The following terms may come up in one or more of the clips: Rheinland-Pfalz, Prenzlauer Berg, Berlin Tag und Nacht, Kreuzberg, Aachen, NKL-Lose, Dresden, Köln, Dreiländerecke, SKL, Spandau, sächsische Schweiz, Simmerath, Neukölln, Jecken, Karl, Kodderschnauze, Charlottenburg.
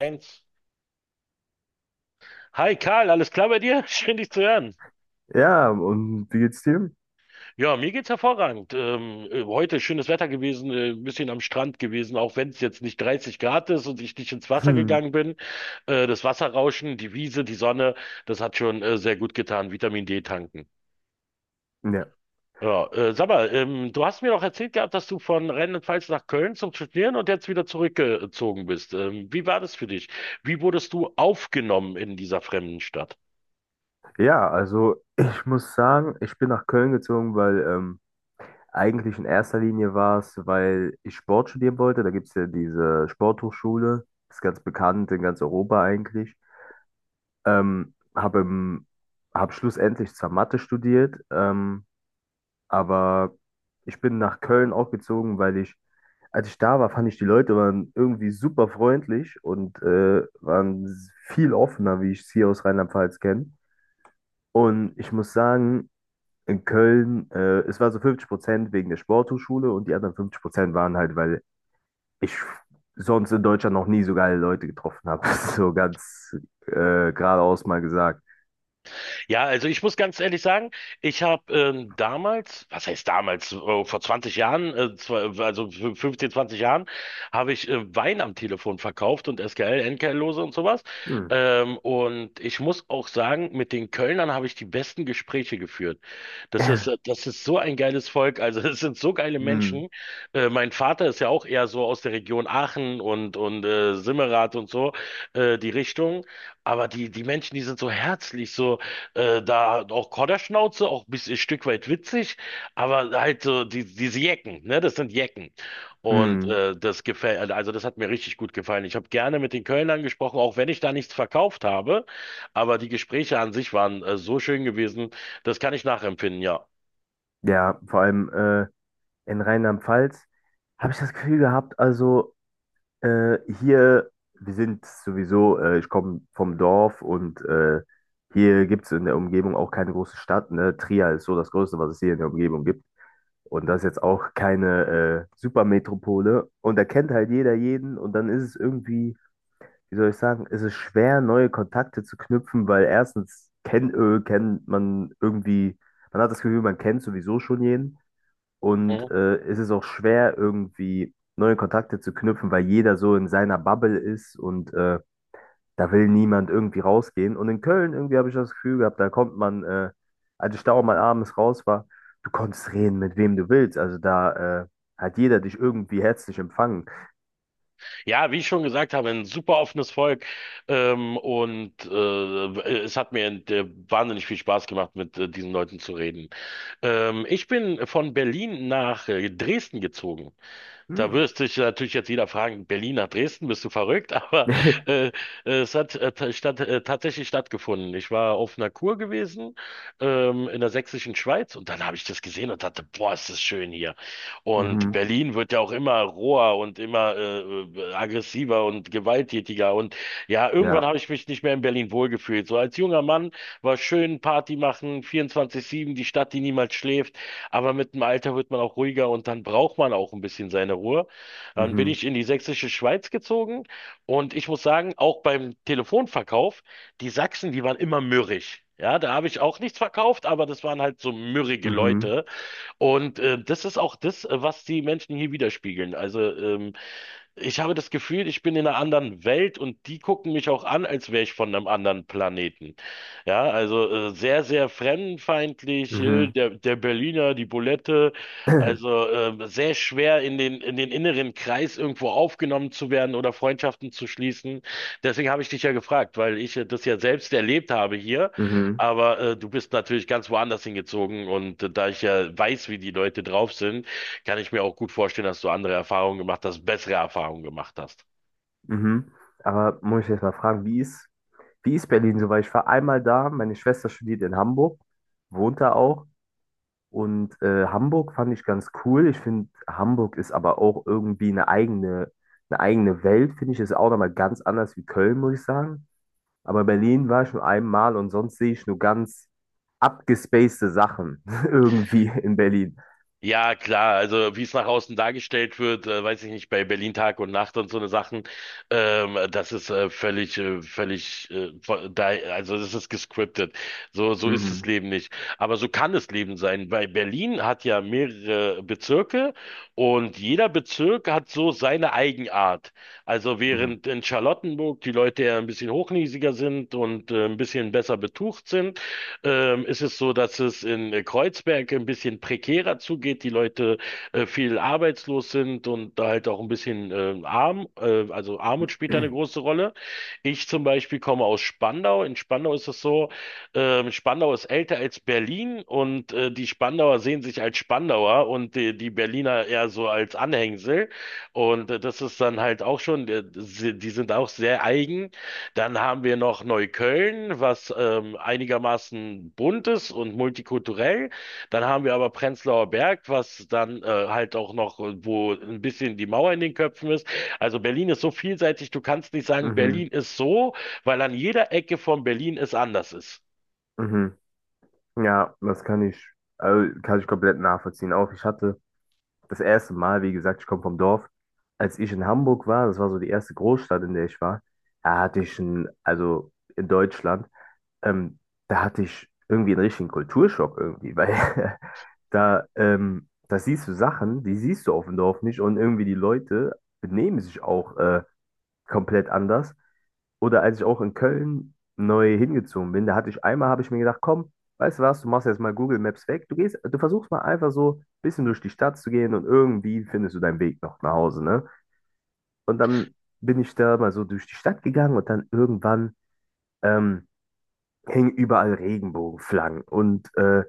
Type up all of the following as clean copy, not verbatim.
Eins. Hi Karl, alles klar bei dir? Schön dich zu hören. Ja, und wie geht's dir? Ja, mir geht's hervorragend. Heute schönes Wetter gewesen, ein bisschen am Strand gewesen, auch wenn es jetzt nicht 30 Grad ist und ich nicht ins Wasser Hm, gegangen bin. Das Wasserrauschen, die Wiese, die Sonne, das hat schon sehr gut getan. Vitamin D tanken. ja. Ja, sag mal, du hast mir doch erzählt gehabt, dass du von Rheinland-Pfalz nach Köln zum Studieren und jetzt wieder zurückgezogen bist. Wie war das für dich? Wie wurdest du aufgenommen in dieser fremden Stadt? Ja, also ich muss sagen, ich bin nach Köln gezogen, weil eigentlich in erster Linie war es, weil ich Sport studieren wollte. Da gibt's ja diese Sporthochschule, ist ganz bekannt in ganz Europa eigentlich. Ähm, habe im, hab schlussendlich zwar Mathe studiert, aber ich bin nach Köln auch gezogen, weil ich, als ich da war, fand ich die Leute waren irgendwie super freundlich und waren viel offener, wie ich es hier aus Rheinland-Pfalz kenne. Und ich muss sagen, in Köln, es war so 50% wegen der Sporthochschule und die anderen 50% waren halt, weil ich sonst in Deutschland noch nie so geile Leute getroffen habe. So ganz äh, geradeaus mal gesagt. Ja, also ich muss ganz ehrlich sagen, ich habe damals, was heißt damals, vor 20 Jahren, 15, 20 Jahren, habe ich Wein am Telefon verkauft und SKL, NKL-Lose und sowas. Hm. Und ich muss auch sagen, mit den Kölnern habe ich die besten Gespräche geführt. Das ist so ein geiles Volk, also es sind so geile Hm. Menschen. Mein Vater ist ja auch eher so aus der Region Aachen und Simmerath und so, die Richtung. Aber die Menschen, die sind so herzlich, so. Da auch Kodderschnauze, auch ein bisschen ein Stück weit witzig, aber halt diese Jecken, ne, das sind Jecken. Und Hm. Das gefällt, also das hat mir richtig gut gefallen. Ich habe gerne mit den Kölnern gesprochen, auch wenn ich da nichts verkauft habe, aber die Gespräche an sich waren so schön gewesen, das kann ich nachempfinden, ja. Ja, vor allem in Rheinland-Pfalz. Habe ich das Gefühl gehabt, also hier, wir sind sowieso, ich komme vom Dorf und hier gibt es in der Umgebung auch keine große Stadt. Ne? Trier ist so das Größte, was es hier in der Umgebung gibt. Und das ist jetzt auch keine Supermetropole. Und da kennt halt jeder jeden. Und dann ist es irgendwie, wie soll ich sagen, ist es schwer, neue Kontakte zu knüpfen, weil erstens kennt man irgendwie, man hat das Gefühl, man kennt sowieso schon jeden. Mhm. Und es ist auch schwer, irgendwie neue Kontakte zu knüpfen, weil jeder so in seiner Bubble ist und da will niemand irgendwie rausgehen. Und in Köln irgendwie habe ich das Gefühl gehabt, da kommt man, als ich da auch mal abends raus war, du konntest reden, mit wem du willst. Also da hat jeder dich irgendwie herzlich empfangen. Ja, wie ich schon gesagt habe, ein super offenes Volk. Es hat mir wahnsinnig viel Spaß gemacht, mit diesen Leuten zu reden. Ich bin von Berlin nach Dresden gezogen. Da Hm. wirst dich natürlich jetzt jeder fragen, Berlin nach Dresden, bist du verrückt? Aber äh, es hat ta- statt, tatsächlich stattgefunden. Ich war auf einer Kur gewesen in der sächsischen Schweiz und dann habe ich das gesehen und dachte, boah, ist das schön hier. Und Mhm. Berlin wird ja auch immer roher und immer aggressiver und gewalttätiger. Und ja, irgendwann Ja. habe ich mich nicht mehr in Berlin wohlgefühlt. So als junger Mann war schön Party machen, 24-7, die Stadt, die niemals schläft. Aber mit dem Alter wird man auch ruhiger und dann braucht man auch ein bisschen seine Ruhe. Dann bin Mhm. ich in die sächsische Schweiz gezogen und ich muss sagen, auch beim Telefonverkauf, die Sachsen, die waren immer mürrisch. Ja, da habe ich auch nichts verkauft, aber das waren halt so mürrige Mhm. Leute. Und das ist auch das, was die Menschen hier widerspiegeln. Also ich habe das Gefühl, ich bin in einer anderen Welt und die gucken mich auch an, als wäre ich von einem anderen Planeten. Ja, also sehr, sehr fremdenfeindlich, Mhm. Der Berliner, die Bulette, also sehr schwer in in den inneren Kreis irgendwo aufgenommen zu werden oder Freundschaften zu schließen. Deswegen habe ich dich ja gefragt, weil ich das ja selbst erlebt habe hier, Mhm. aber du bist natürlich ganz woanders hingezogen und da ich ja weiß, wie die Leute drauf sind, kann ich mir auch gut vorstellen, dass du andere Erfahrungen gemacht hast, bessere Erfahrungen gemacht hast. Mhm. Aber muss ich jetzt mal fragen, wie ist Berlin so? Weil ich war einmal da, meine Schwester studiert in Hamburg, wohnt da auch. Und Hamburg fand ich ganz cool. Ich finde, Hamburg ist aber auch irgendwie eine eigene Welt, finde ich. Ist auch nochmal ganz anders wie Köln, muss ich sagen. Aber Berlin war ich nur einmal und sonst sehe ich nur ganz abgespacede Sachen irgendwie in Berlin. Ja, klar, also wie es nach außen dargestellt wird, weiß ich nicht, bei Berlin Tag und Nacht und so eine Sachen, das ist völlig, völlig, vo- da, also das ist gescriptet. So, so ist das Mhm. Leben nicht. Aber so kann das Leben sein, weil Berlin hat ja mehrere Bezirke und jeder Bezirk hat so seine Eigenart. Also Mhm. während in Charlottenburg die Leute ja ein bisschen hochnäsiger sind und ein bisschen besser betucht sind, ist es so, dass es in Kreuzberg ein bisschen prekärer zugeht, die Leute viel arbeitslos sind und da halt auch ein bisschen also Armut spielt da eine große Rolle. Ich zum Beispiel komme aus Spandau. In Spandau ist es so, Spandau ist älter als Berlin und die Spandauer sehen sich als Spandauer und die Berliner eher so als Anhängsel. Und das ist dann halt auch schon, sie- die sind auch sehr eigen. Dann haben wir noch Neukölln, was einigermaßen bunt ist und multikulturell. Dann haben wir aber Prenzlauer Berg, was dann wo ein bisschen die Mauer in den Köpfen ist. Also Berlin ist so vielseitig, du kannst nicht sagen, Mhm. Berlin ist so, weil an jeder Ecke von Berlin es anders ist. Mhm. Ja, also kann ich komplett nachvollziehen. Auch ich hatte. Das erste Mal, wie gesagt, ich komme vom Dorf. Als ich in Hamburg war, das war so die erste Großstadt, in der ich war, da hatte ich einen, also in Deutschland, ähm, da hatte ich irgendwie einen richtigen Kulturschock irgendwie, weil da, da siehst du Sachen, die siehst du auf dem Dorf nicht und irgendwie die Leute benehmen sich auch. Komplett anders. Oder als ich auch in Köln neu hingezogen bin, da hatte ich einmal, habe ich mir gedacht, komm, weißt du was, du machst jetzt mal Google Maps weg, du gehst, du versuchst mal einfach so ein bisschen durch die Stadt zu gehen und irgendwie findest du deinen Weg noch nach Hause, ne? Und dann bin ich da mal so durch die Stadt gegangen und dann irgendwann ähm, hingen überall Regenbogenflaggen und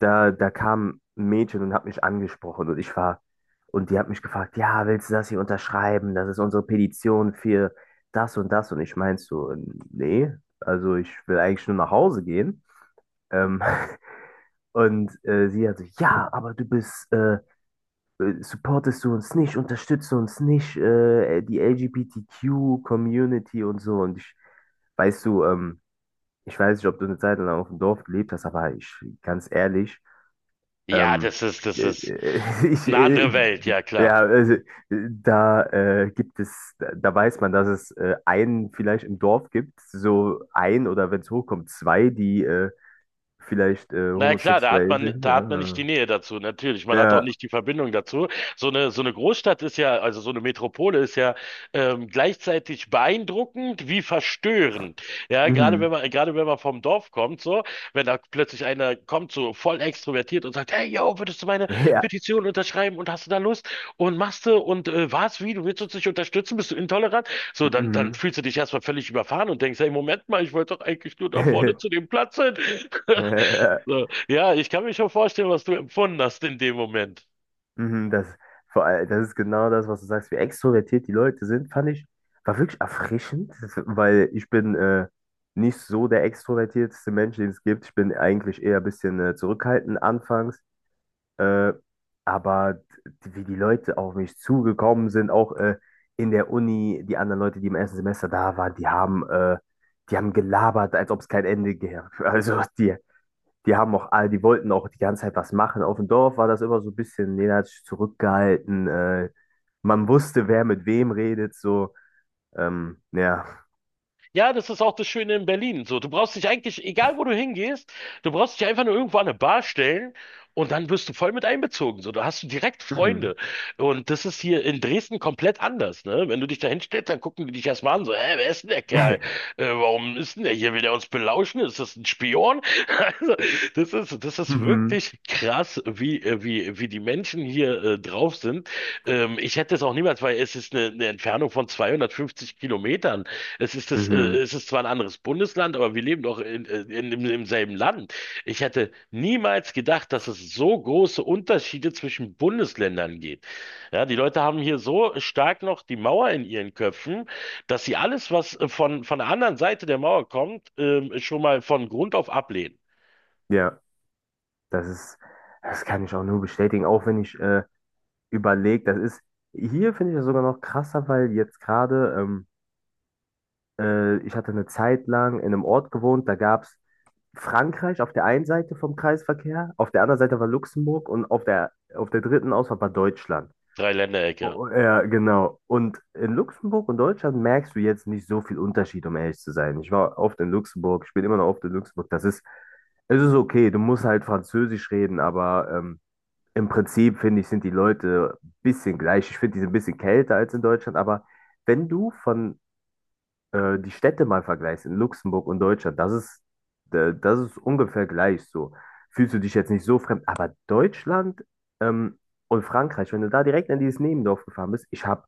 da, da kam ein Mädchen und hat mich angesprochen und und die hat mich gefragt, ja, willst du das hier unterschreiben? Das ist unsere Petition für das und das. Und ich meinte so, nee, also ich will eigentlich nur nach Hause gehen. Ähm, und sie hat so, ja, aber du bist, supportest du uns nicht, unterstützt du uns nicht, die LGBTQ-Community und so. Und weißt du, ich weiß nicht, ob du eine Zeit lang auf dem Dorf gelebt hast, aber ich, ganz ehrlich, Ja, Ähm, das äh, ist äh, ich, eine äh, äh, andere Welt, ja ja, klar. also, da gibt es, da weiß man, dass es einen vielleicht im Dorf gibt, so ein oder wenn es hochkommt, zwei, die vielleicht Na ja, klar, homosexuell sind. da hat man nicht Ja, die Nähe dazu, natürlich. Man hat auch ja, nicht die Verbindung dazu. So eine Großstadt ist ja, also so eine Metropole ist ja gleichzeitig beeindruckend wie verstörend. Ja, mhm. Gerade wenn man vom Dorf kommt, so, wenn da plötzlich einer kommt, so voll extrovertiert und sagt, hey, yo, würdest du meine Ja, Petition unterschreiben und hast du da Lust und machst du und was, wie, du willst uns nicht unterstützen, bist du intolerant? So, dann mhm. fühlst du dich erstmal völlig überfahren und denkst, hey, Moment mal, ich wollte doch eigentlich nur da vorne zu dem Platz hin. So, ja, ich kann mir schon vorstellen, was du empfunden hast in dem Moment. Mhm, das, vor allem, das ist genau das, was du sagst, wie extrovertiert die Leute sind, fand ich, war wirklich erfrischend, das- weil ich bin nicht so der extrovertierteste Mensch, den es gibt. Ich bin eigentlich eher ein bisschen zurückhaltend anfangs, äh, aber wie die Leute auf mich zugekommen sind, auch in der Uni, die anderen Leute, die im ersten Semester da waren, die die haben gelabert, als ob es kein Ende gäbe. Also die, die haben auch, die wollten auch die ganze Zeit was machen. Auf dem Dorf war das immer so ein bisschen, jeder hat sich zurückgehalten. Man wusste, wer mit wem redet, so. Ja. Ja, das ist auch das Schöne in Berlin. So, du brauchst dich eigentlich, egal wo du hingehst, du brauchst dich einfach nur irgendwo an eine Bar stellen und dann wirst du voll mit einbezogen. So, da hast du direkt Mhm. Freunde. Und das ist hier in Dresden komplett anders, ne? Wenn du dich da hinstellst, dann gucken die dich erstmal an, so, hä, wer ist denn der Kerl? Warum ist denn der hier? Will der uns belauschen? Ist das ein Spion? Also, das ist Mhm. wirklich krass, wie die Menschen hier drauf sind. Ich hätte es auch niemals, weil es ist eine Entfernung von 250 Kilometern. Mhm. Es ist zwar ein anderes Bundesland, aber wir leben doch im selben Land. Ich hätte niemals gedacht, dass es so große Unterschiede zwischen Bundesländern geht. Ja, die Leute haben hier so stark noch die Mauer in ihren Köpfen, dass sie alles, was von der anderen Seite der Mauer kommt, schon mal von Grund auf ablehnen. Ja, das ist, das kann ich auch nur bestätigen, auch wenn ich überlege, das ist, hier finde ich das sogar noch krasser, weil jetzt gerade, ich hatte eine Zeit lang in einem Ort gewohnt, da gab es Frankreich auf der einen Seite vom Kreisverkehr, auf der anderen Seite war Luxemburg und auf auf der dritten Ausfahrt war Deutschland. Dreiländerecke. Oh, oh, ja, genau. Und in Luxemburg und Deutschland merkst du jetzt nicht so viel Unterschied, um ehrlich zu sein. Ich war oft in Luxemburg, ich bin immer noch oft in Luxemburg. Es ist okay, du musst halt Französisch reden, aber im Prinzip finde ich, sind die Leute ein bisschen gleich. Ich finde, die sind ein bisschen kälter als in Deutschland, aber wenn du von die Städte mal vergleichst, in Luxemburg und Deutschland, das ist ungefähr gleich so. Fühlst du dich jetzt nicht so fremd, aber Deutschland ähm, und Frankreich, wenn du da direkt in dieses Nebendorf gefahren bist, ich habe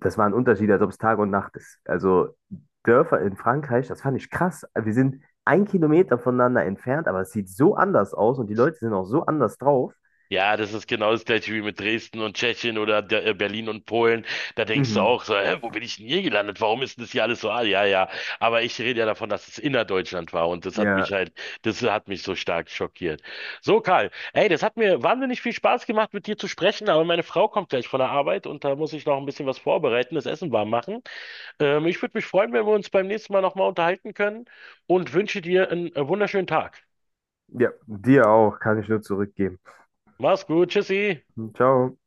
das war ein Unterschied, als ob es Tag und Nacht ist. Also Dörfer in Frankreich, das fand ich krass. Wir sind ein Kilometer voneinander entfernt, aber es sieht so anders aus und die Leute sind auch so anders drauf. Ja, das ist genau das gleiche wie mit Dresden und Tschechien oder der, Berlin und Polen. Da denkst du Mhm. auch so, hä, wo bin ich denn hier gelandet? Warum ist denn das hier alles so? Ah, ja, ja. Aber ich rede ja davon, dass es innerdeutschland war und Ja, das hat mich so stark schockiert. So, Karl, ey, das hat mir wahnsinnig viel Spaß gemacht, mit dir zu sprechen, aber meine Frau kommt gleich von der Arbeit und da muss ich noch ein bisschen was vorbereiten, das Essen warm machen. Ich würde mich freuen, wenn wir uns beim nächsten Mal nochmal unterhalten können und wünsche dir einen wunderschönen Tag. ja, dir auch, kann ich nur zurückgeben. Mach's gut, tschüssi. Ciao.